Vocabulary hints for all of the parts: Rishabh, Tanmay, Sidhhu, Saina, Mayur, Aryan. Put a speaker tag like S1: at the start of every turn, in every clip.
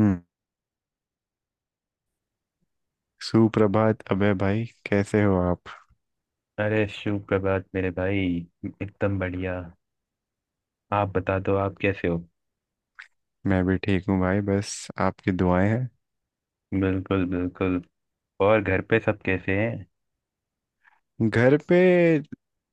S1: हम्म। सुप्रभात, अबे भाई, कैसे हो आप?
S2: अरे सुप्रभात मेरे भाई। एकदम बढ़िया। आप बता दो आप कैसे हो?
S1: मैं भी ठीक हूँ भाई, बस आपकी दुआएं हैं।
S2: बिल्कुल बिल्कुल। और घर पे सब कैसे हैं?
S1: घर पे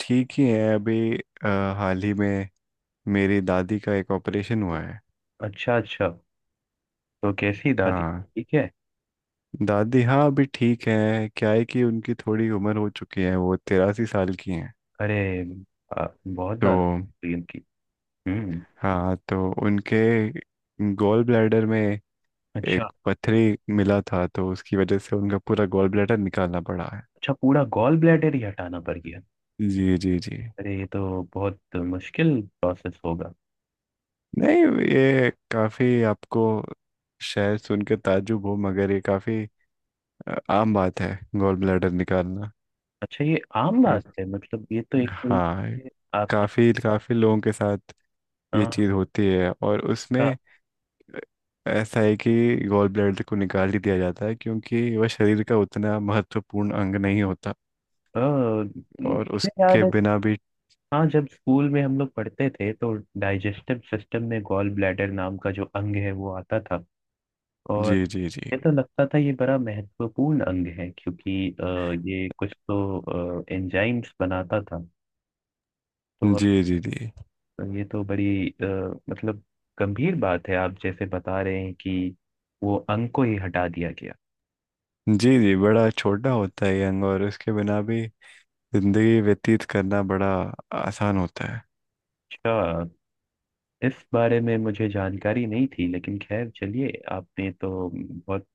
S1: ठीक ही है। अभी हाल ही में मेरी दादी का एक ऑपरेशन हुआ है।
S2: अच्छा अच्छा, तो कैसी दादी?
S1: हाँ।
S2: ठीक है।
S1: दादी, हाँ, अभी ठीक है। क्या है कि उनकी थोड़ी उम्र हो चुकी है, वो 83 साल की हैं।
S2: अरे बहुत
S1: तो
S2: ज्यादा हुई उनकी। हम्म।
S1: हाँ, तो उनके गॉल ब्लैडर में
S2: अच्छा
S1: एक पथरी मिला था, तो उसकी वजह से उनका पूरा गॉल ब्लैडर निकालना पड़ा है।
S2: अच्छा, पूरा गॉल ब्लैडर ही हटाना पड़ गया?
S1: जी जी जी।
S2: अरे ये तो बहुत मुश्किल प्रोसेस होगा।
S1: नहीं, ये काफी आपको शायद सुन के ताज्जुब हो, मगर ये काफी आम बात है, गॉल ब्लैडर निकालना।
S2: अच्छा ये आम
S1: क्यों?
S2: बात है? मतलब ये तो एक
S1: हाँ, ये
S2: आपकी,
S1: काफी काफी लोगों के साथ ये
S2: हाँ,
S1: चीज होती है, और
S2: हाँ,
S1: उसमें ऐसा है कि गॉल ब्लैडर को निकाल ही दिया जाता है, क्योंकि वह शरीर का उतना महत्वपूर्ण अंग नहीं होता,
S2: हाँ।
S1: और
S2: मुझे याद
S1: उसके
S2: है,
S1: बिना भी
S2: हाँ, जब स्कूल में हम लोग पढ़ते थे तो डाइजेस्टिव सिस्टम में गॉल ब्लैडर नाम का जो अंग है वो आता था। और
S1: जी जी जी
S2: ये तो लगता था ये बड़ा महत्वपूर्ण अंग है क्योंकि ये कुछ तो एंजाइम्स बनाता था। तो
S1: जी जी जी
S2: ये तो बड़ी मतलब गंभीर बात है। आप जैसे बता रहे हैं कि वो अंग को ही हटा दिया गया।
S1: जी जी बड़ा छोटा होता है ये अंग, और उसके बिना भी जिंदगी व्यतीत करना बड़ा आसान होता है।
S2: अच्छा, इस बारे में मुझे जानकारी नहीं थी, लेकिन खैर चलिए, आपने तो बहुत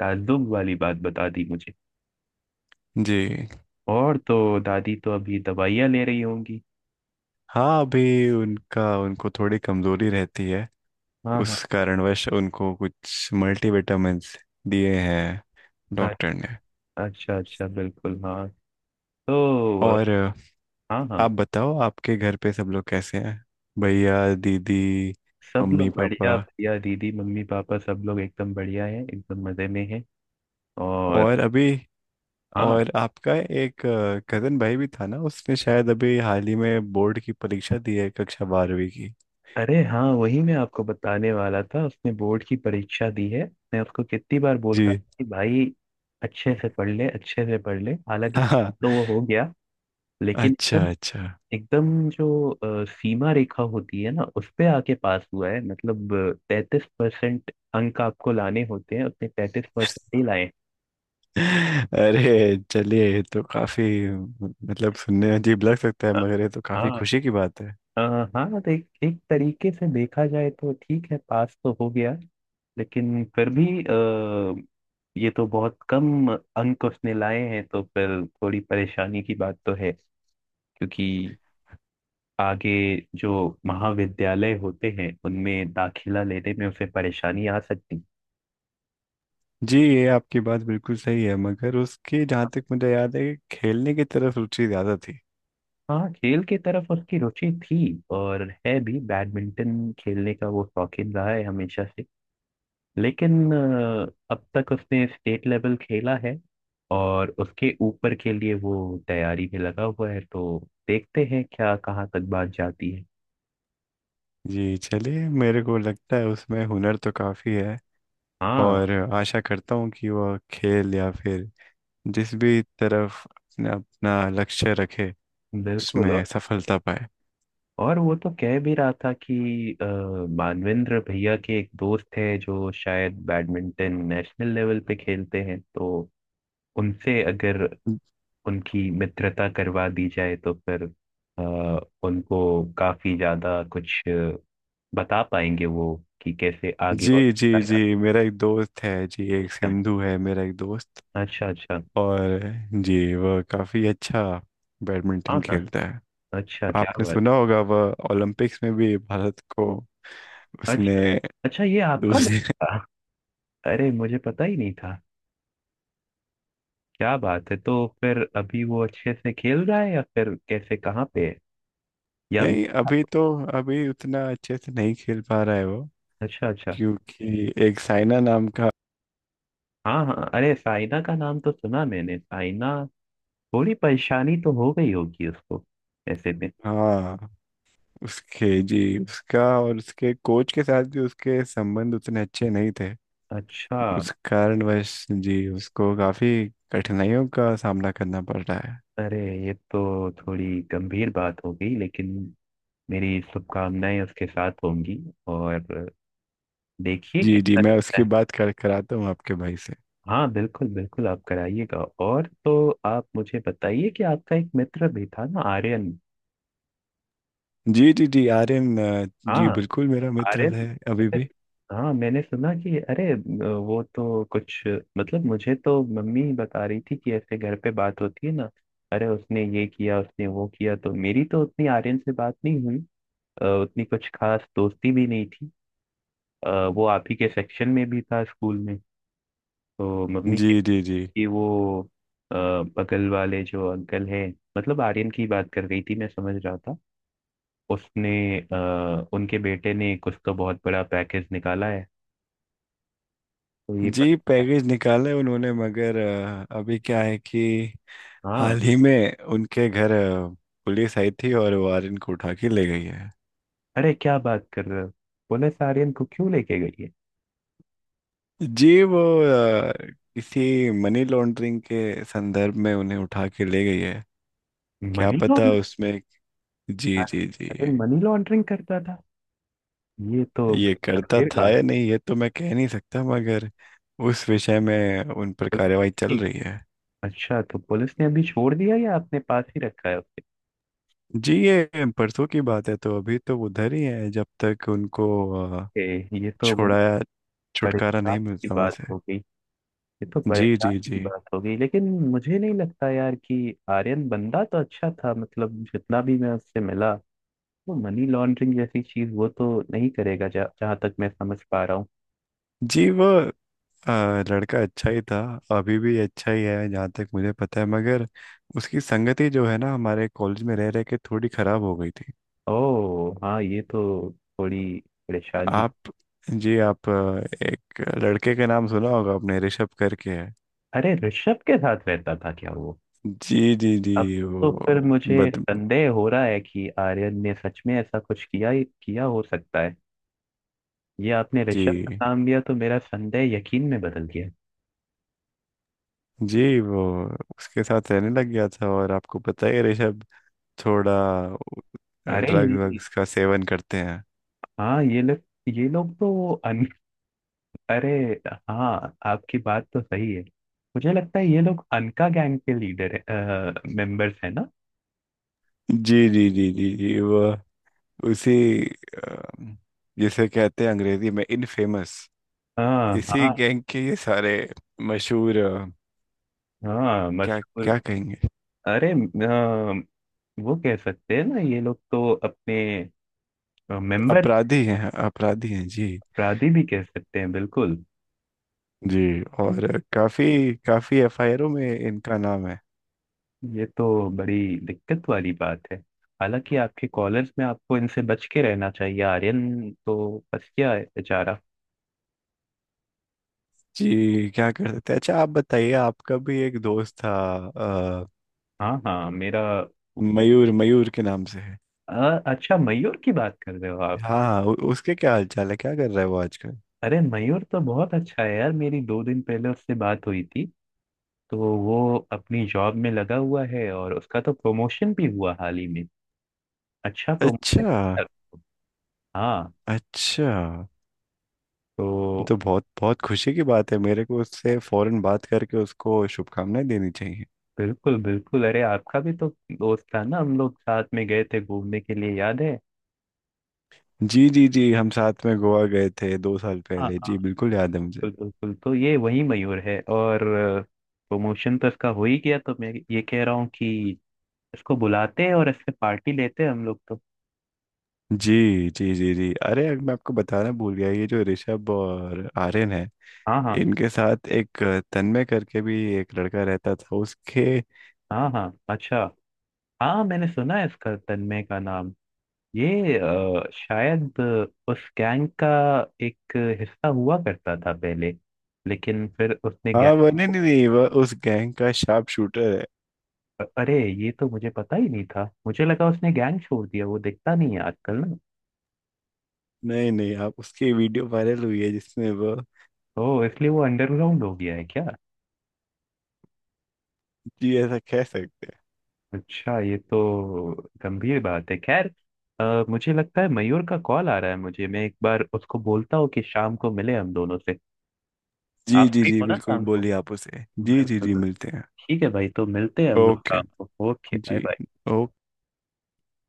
S2: ताज्जुब वाली बात बता दी मुझे।
S1: जी।
S2: और तो दादी तो अभी दवाइयाँ ले रही होंगी।
S1: हाँ, अभी उनका उनको थोड़ी कमजोरी रहती है।
S2: हाँ हाँ।
S1: उस कारणवश उनको कुछ मल्टीविटामिन्स दिए हैं
S2: अच्छा
S1: डॉक्टर ने।
S2: अच्छा अच्छा, बिल्कुल हाँ। तो
S1: और
S2: हाँ हाँ।
S1: आप बताओ आपके घर पे सब लोग कैसे हैं, भैया दीदी
S2: सब लोग
S1: मम्मी
S2: बढ़िया,
S1: पापा?
S2: भैया दीदी मम्मी पापा सब लोग एकदम बढ़िया है, एकदम मज़े में है। और
S1: और अभी
S2: हाँ,
S1: और आपका एक कजन भाई भी था ना, उसने शायद अभी हाल ही में बोर्ड की परीक्षा दी है, कक्षा 12वीं की।
S2: अरे हाँ, वही मैं आपको बताने वाला था, उसने बोर्ड की परीक्षा दी है। मैं उसको कितनी बार
S1: जी
S2: बोलता हूँ कि भाई अच्छे से पढ़ ले, अच्छे से पढ़ ले। हालांकि
S1: हाँ हाँ।
S2: तो वो हो गया, लेकिन
S1: अच्छा
S2: एकदम
S1: अच्छा।
S2: एकदम जो सीमा रेखा होती है ना उस पे आके पास हुआ है। मतलब तैतीस परसेंट अंक आपको लाने होते हैं, उसने 33% ही लाए।
S1: अरे चलिए, ये तो काफी, मतलब सुनने में अजीब लग सकता है,
S2: अ,
S1: मगर ये तो काफी
S2: हाँ।
S1: खुशी की बात है।
S2: अ, हाँ तो एक तरीके से देखा जाए तो ठीक है, पास तो हो गया। लेकिन फिर भी ये तो बहुत कम अंक उसने लाए हैं, तो फिर थोड़ी परेशानी की बात तो है। क्योंकि आगे जो महाविद्यालय होते हैं उनमें दाखिला लेने में उसे परेशानी आ सकती।
S1: जी, ये आपकी बात बिल्कुल सही है, मगर उसकी, जहाँ तक मुझे याद है, कि खेलने की तरफ रुचि ज्यादा थी।
S2: हाँ, खेल की तरफ उसकी रुचि थी, और है भी। बैडमिंटन खेलने का वो शौकीन रहा है हमेशा से। लेकिन अब तक उसने स्टेट लेवल खेला है, और उसके ऊपर के लिए वो तैयारी में लगा हुआ है। तो देखते हैं क्या, कहाँ तक बात जाती है।
S1: जी चलिए, मेरे को लगता है उसमें हुनर तो काफी है,
S2: हाँ,
S1: और आशा करता हूँ कि वह खेल या फिर जिस भी तरफ अपना अपना लक्ष्य रखे,
S2: बिल्कुल।
S1: उसमें सफलता पाए।
S2: और वो तो कह भी रहा था कि मानवेंद्र भैया के एक दोस्त है जो शायद बैडमिंटन नेशनल लेवल पे खेलते हैं, तो उनसे अगर उनकी मित्रता करवा दी जाए तो फिर आ, उनको काफी ज्यादा कुछ बता पाएंगे वो, कि कैसे आगे और।
S1: जी जी जी, मेरा एक दोस्त है जी, एक
S2: अच्छा
S1: सिंधु है मेरा एक दोस्त।
S2: अच्छा अच्छा।
S1: और जी, वह काफ़ी अच्छा
S2: हाँ
S1: बैडमिंटन
S2: हाँ,
S1: खेलता है।
S2: अच्छा क्या
S1: आपने
S2: बात।
S1: सुना होगा, वह ओलंपिक्स में भी भारत को
S2: अच्छा
S1: उसने
S2: अच्छा, ये आपका
S1: दूसरे।
S2: दोस्त था? अरे मुझे पता ही नहीं था। क्या बात है, तो फिर अभी वो अच्छे से खेल रहा है या फिर कैसे, कहाँ पे है? या
S1: नहीं, अभी तो अभी उतना अच्छे से नहीं खेल पा रहा है वो।
S2: अच्छा अच्छा।
S1: क्योंकि एक साइना नाम का।
S2: हाँ हाँ, अरे साइना का नाम तो सुना मैंने, साइना। थोड़ी परेशानी तो हो गई होगी उसको ऐसे में।
S1: हाँ, उसके जी, उसका और उसके कोच के साथ भी उसके संबंध उतने अच्छे नहीं थे।
S2: अच्छा।
S1: उस कारणवश जी, उसको काफ़ी कठिनाइयों का सामना करना पड़ रहा है।
S2: अरे ये तो थोड़ी गंभीर बात हो गई, लेकिन मेरी शुभकामनाएं उसके साथ होंगी। और देखिए
S1: जी जी,
S2: कैसा
S1: मैं
S2: रहता
S1: उसकी
S2: है।
S1: बात कर कराता हूँ आपके भाई से।
S2: हाँ, बिल्कुल बिल्कुल, आप कराइएगा। और तो आप मुझे बताइए कि आपका एक मित्र भी था ना, आर्यन।
S1: जी जी जी, आर्यन जी
S2: हाँ,
S1: बिल्कुल मेरा मित्र
S2: आर्यन।
S1: है अभी
S2: मैंने-
S1: भी।
S2: हाँ, मैंने सुना कि अरे वो तो कुछ, मतलब मुझे तो मम्मी बता रही थी, कि ऐसे घर पे बात होती है ना, अरे उसने ये किया उसने वो किया। तो मेरी तो उतनी आर्यन से बात नहीं हुई। उतनी कुछ खास दोस्ती भी नहीं थी। वो आप ही के सेक्शन में भी था स्कूल में, तो मम्मी
S1: जी जी जी
S2: की वो अ, बगल वाले जो अंकल हैं, मतलब आर्यन की बात कर रही थी मैं समझ रहा था। उसने उनके बेटे ने कुछ तो बहुत बड़ा पैकेज निकाला है। तो ये पता
S1: जी,
S2: क्या?
S1: पैकेज निकाले उन्होंने, मगर अभी क्या है कि
S2: हाँ।
S1: हाल ही में उनके घर पुलिस आई थी, और वो आर्यन को उठा के ले गई है।
S2: अरे क्या बात कर रहे हो? पुलिस आर्यन को क्यों लेके गई है?
S1: जी वो किसी मनी लॉन्ड्रिंग के संदर्भ में उन्हें उठा के ले गई है, क्या
S2: मनी
S1: पता
S2: लॉन्ड्रिंग?
S1: उसमें। जी जी जी,
S2: अरे मनी लॉन्ड्रिंग करता था? ये तो
S1: ये
S2: बड़ी
S1: करता
S2: गंभीर
S1: था या नहीं ये तो मैं कह नहीं सकता, मगर उस विषय में उन पर कार्रवाई चल
S2: बात।
S1: रही है।
S2: अच्छा, तो पुलिस ने अभी छोड़ दिया या अपने पास ही रखा है उसे?
S1: जी, ये परसों की बात है, तो अभी तो उधर ही है, जब तक उनको अ,
S2: ये तो बड़ी
S1: छोड़ाया छुटकारा
S2: परेशान
S1: नहीं
S2: की
S1: मिलता वहां
S2: बात
S1: से।
S2: हो गई। ये तो
S1: जी जी
S2: परेशान की
S1: जी
S2: बात हो गई। लेकिन मुझे नहीं लगता यार कि आर्यन, बंदा तो अच्छा था, मतलब जितना भी मैं उससे मिला, वो मनी लॉन्ड्रिंग जैसी चीज वो तो नहीं करेगा, जहां तक मैं समझ पा रहा हूँ।
S1: जी, वो लड़का अच्छा ही था, अभी भी अच्छा ही है जहाँ तक मुझे पता है, मगर उसकी संगति जो है ना, हमारे कॉलेज में रह रह के थोड़ी खराब हो गई थी।
S2: ओ हाँ, ये तो थोड़ी परेशानी।
S1: आप जी, आप एक लड़के का नाम सुना होगा आपने, ऋषभ करके है।
S2: अरे ऋषभ के साथ रहता था क्या वो?
S1: जी जी जी,
S2: अब
S1: वो
S2: तो फिर मुझे
S1: बद
S2: संदेह हो रहा है कि आर्यन ने सच में ऐसा कुछ किया किया हो सकता है। ये आपने रिश्वत
S1: जी
S2: का नाम लिया तो मेरा संदेह यकीन में बदल गया।
S1: जी, वो उसके साथ रहने लग गया था, और आपको पता ही है, ऋषभ थोड़ा
S2: अरे
S1: ड्रग
S2: ये,
S1: वग्स का सेवन करते हैं।
S2: हाँ ये लोग, ये लोग तो अन अरे, हाँ, आपकी बात तो सही है। मुझे लगता है ये लोग अनका गैंग के लीडर है, मेंबर्स है ना।
S1: जी जी जी जी जी, वो उसी अ, जिसे कहते हैं अंग्रेजी में इनफेमस,
S2: हाँ
S1: इसी
S2: हाँ।
S1: गैंग के ये सारे मशहूर
S2: हाँ,
S1: क्या
S2: मशहूर।
S1: क्या कहेंगे,
S2: अरे वो कह सकते हैं ना, ये लोग तो अपने मेंबर्स,
S1: अपराधी हैं, अपराधी हैं जी।
S2: अपराधी भी कह सकते हैं बिल्कुल।
S1: जी, और काफी काफी एफआईआरों में इनका नाम है।
S2: ये तो बड़ी दिक्कत वाली बात है। हालांकि आपके कॉलर्स में आपको इनसे बच के रहना चाहिए, आर्यन तो बच गया है बेचारा।
S1: जी क्या कर सकते हैं। अच्छा आप बताइए, आपका भी एक दोस्त था,
S2: हाँ हाँ, मेरा
S1: मयूर, मयूर के नाम से है।
S2: अच्छा, मयूर की बात कर रहे हो आप?
S1: हाँ, उसके क्या हाल चाल है, क्या कर रहा है वो आजकल?
S2: अरे मयूर तो बहुत अच्छा है यार, मेरी 2 दिन पहले उससे बात हुई थी। तो वो अपनी जॉब में लगा हुआ है, और उसका तो प्रमोशन भी हुआ हाल ही में। अच्छा, प्रमोशन।
S1: अच्छा
S2: हाँ,
S1: अच्छा,
S2: तो
S1: ये तो बहुत बहुत खुशी की बात है, मेरे को उससे फौरन बात करके उसको शुभकामनाएं देनी चाहिए।
S2: बिल्कुल बिल्कुल, अरे आपका भी तो दोस्त था ना, हम लोग साथ में गए थे घूमने के लिए, याद है?
S1: जी जी जी, हम साथ में गोवा गए थे 2 साल
S2: हाँ,
S1: पहले, जी बिल्कुल याद है मुझे।
S2: बिल्कुल बिल्कुल, तो ये वही मयूर है। और प्रमोशन तो इसका हो ही गया, तो मैं ये कह रहा हूँ कि इसको बुलाते हैं और इससे पार्टी लेते हैं हम लोग तो।
S1: जी जी जी जी, अरे अब मैं आपको बताना भूल गया, ये जो ऋषभ और आर्यन है,
S2: हाँ हाँ
S1: इनके साथ एक तन्मय करके भी एक लड़का रहता था, उसके।
S2: हाँ हाँ। अच्छा, हाँ, मैंने सुना है इसका, तन्मय का नाम। ये शायद उस गैंग का एक हिस्सा हुआ करता था पहले, लेकिन फिर उसने
S1: हाँ,
S2: गैंग,
S1: वो नहीं नहीं नहीं, वो उस गैंग का शार्प शूटर।
S2: अरे ये तो मुझे पता ही नहीं था, मुझे लगा उसने गैंग छोड़ दिया, वो दिखता नहीं है आजकल ना।
S1: नहीं नहीं, आप उसकी वीडियो वायरल हुई है जिसमें वो।
S2: तो इसलिए वो अंडरग्राउंड हो गया है क्या?
S1: जी, ऐसा कह सकते हैं।
S2: अच्छा, ये तो गंभीर बात है। खैर मुझे लगता है मयूर का कॉल आ रहा है मुझे। मैं एक बार उसको बोलता हूँ कि शाम को मिले हम दोनों से।
S1: जी
S2: आप
S1: जी
S2: फ्री
S1: जी
S2: हो ना
S1: बिल्कुल,
S2: शाम को?
S1: बोलिए आप उसे, जी जी
S2: बिल्कुल
S1: जी
S2: बिल्कुल।
S1: मिलते हैं।
S2: ठीक है भाई, तो मिलते हैं हम लोग
S1: ओके,
S2: शाम को। ओके, बाय
S1: जी,
S2: बाय।
S1: ओके।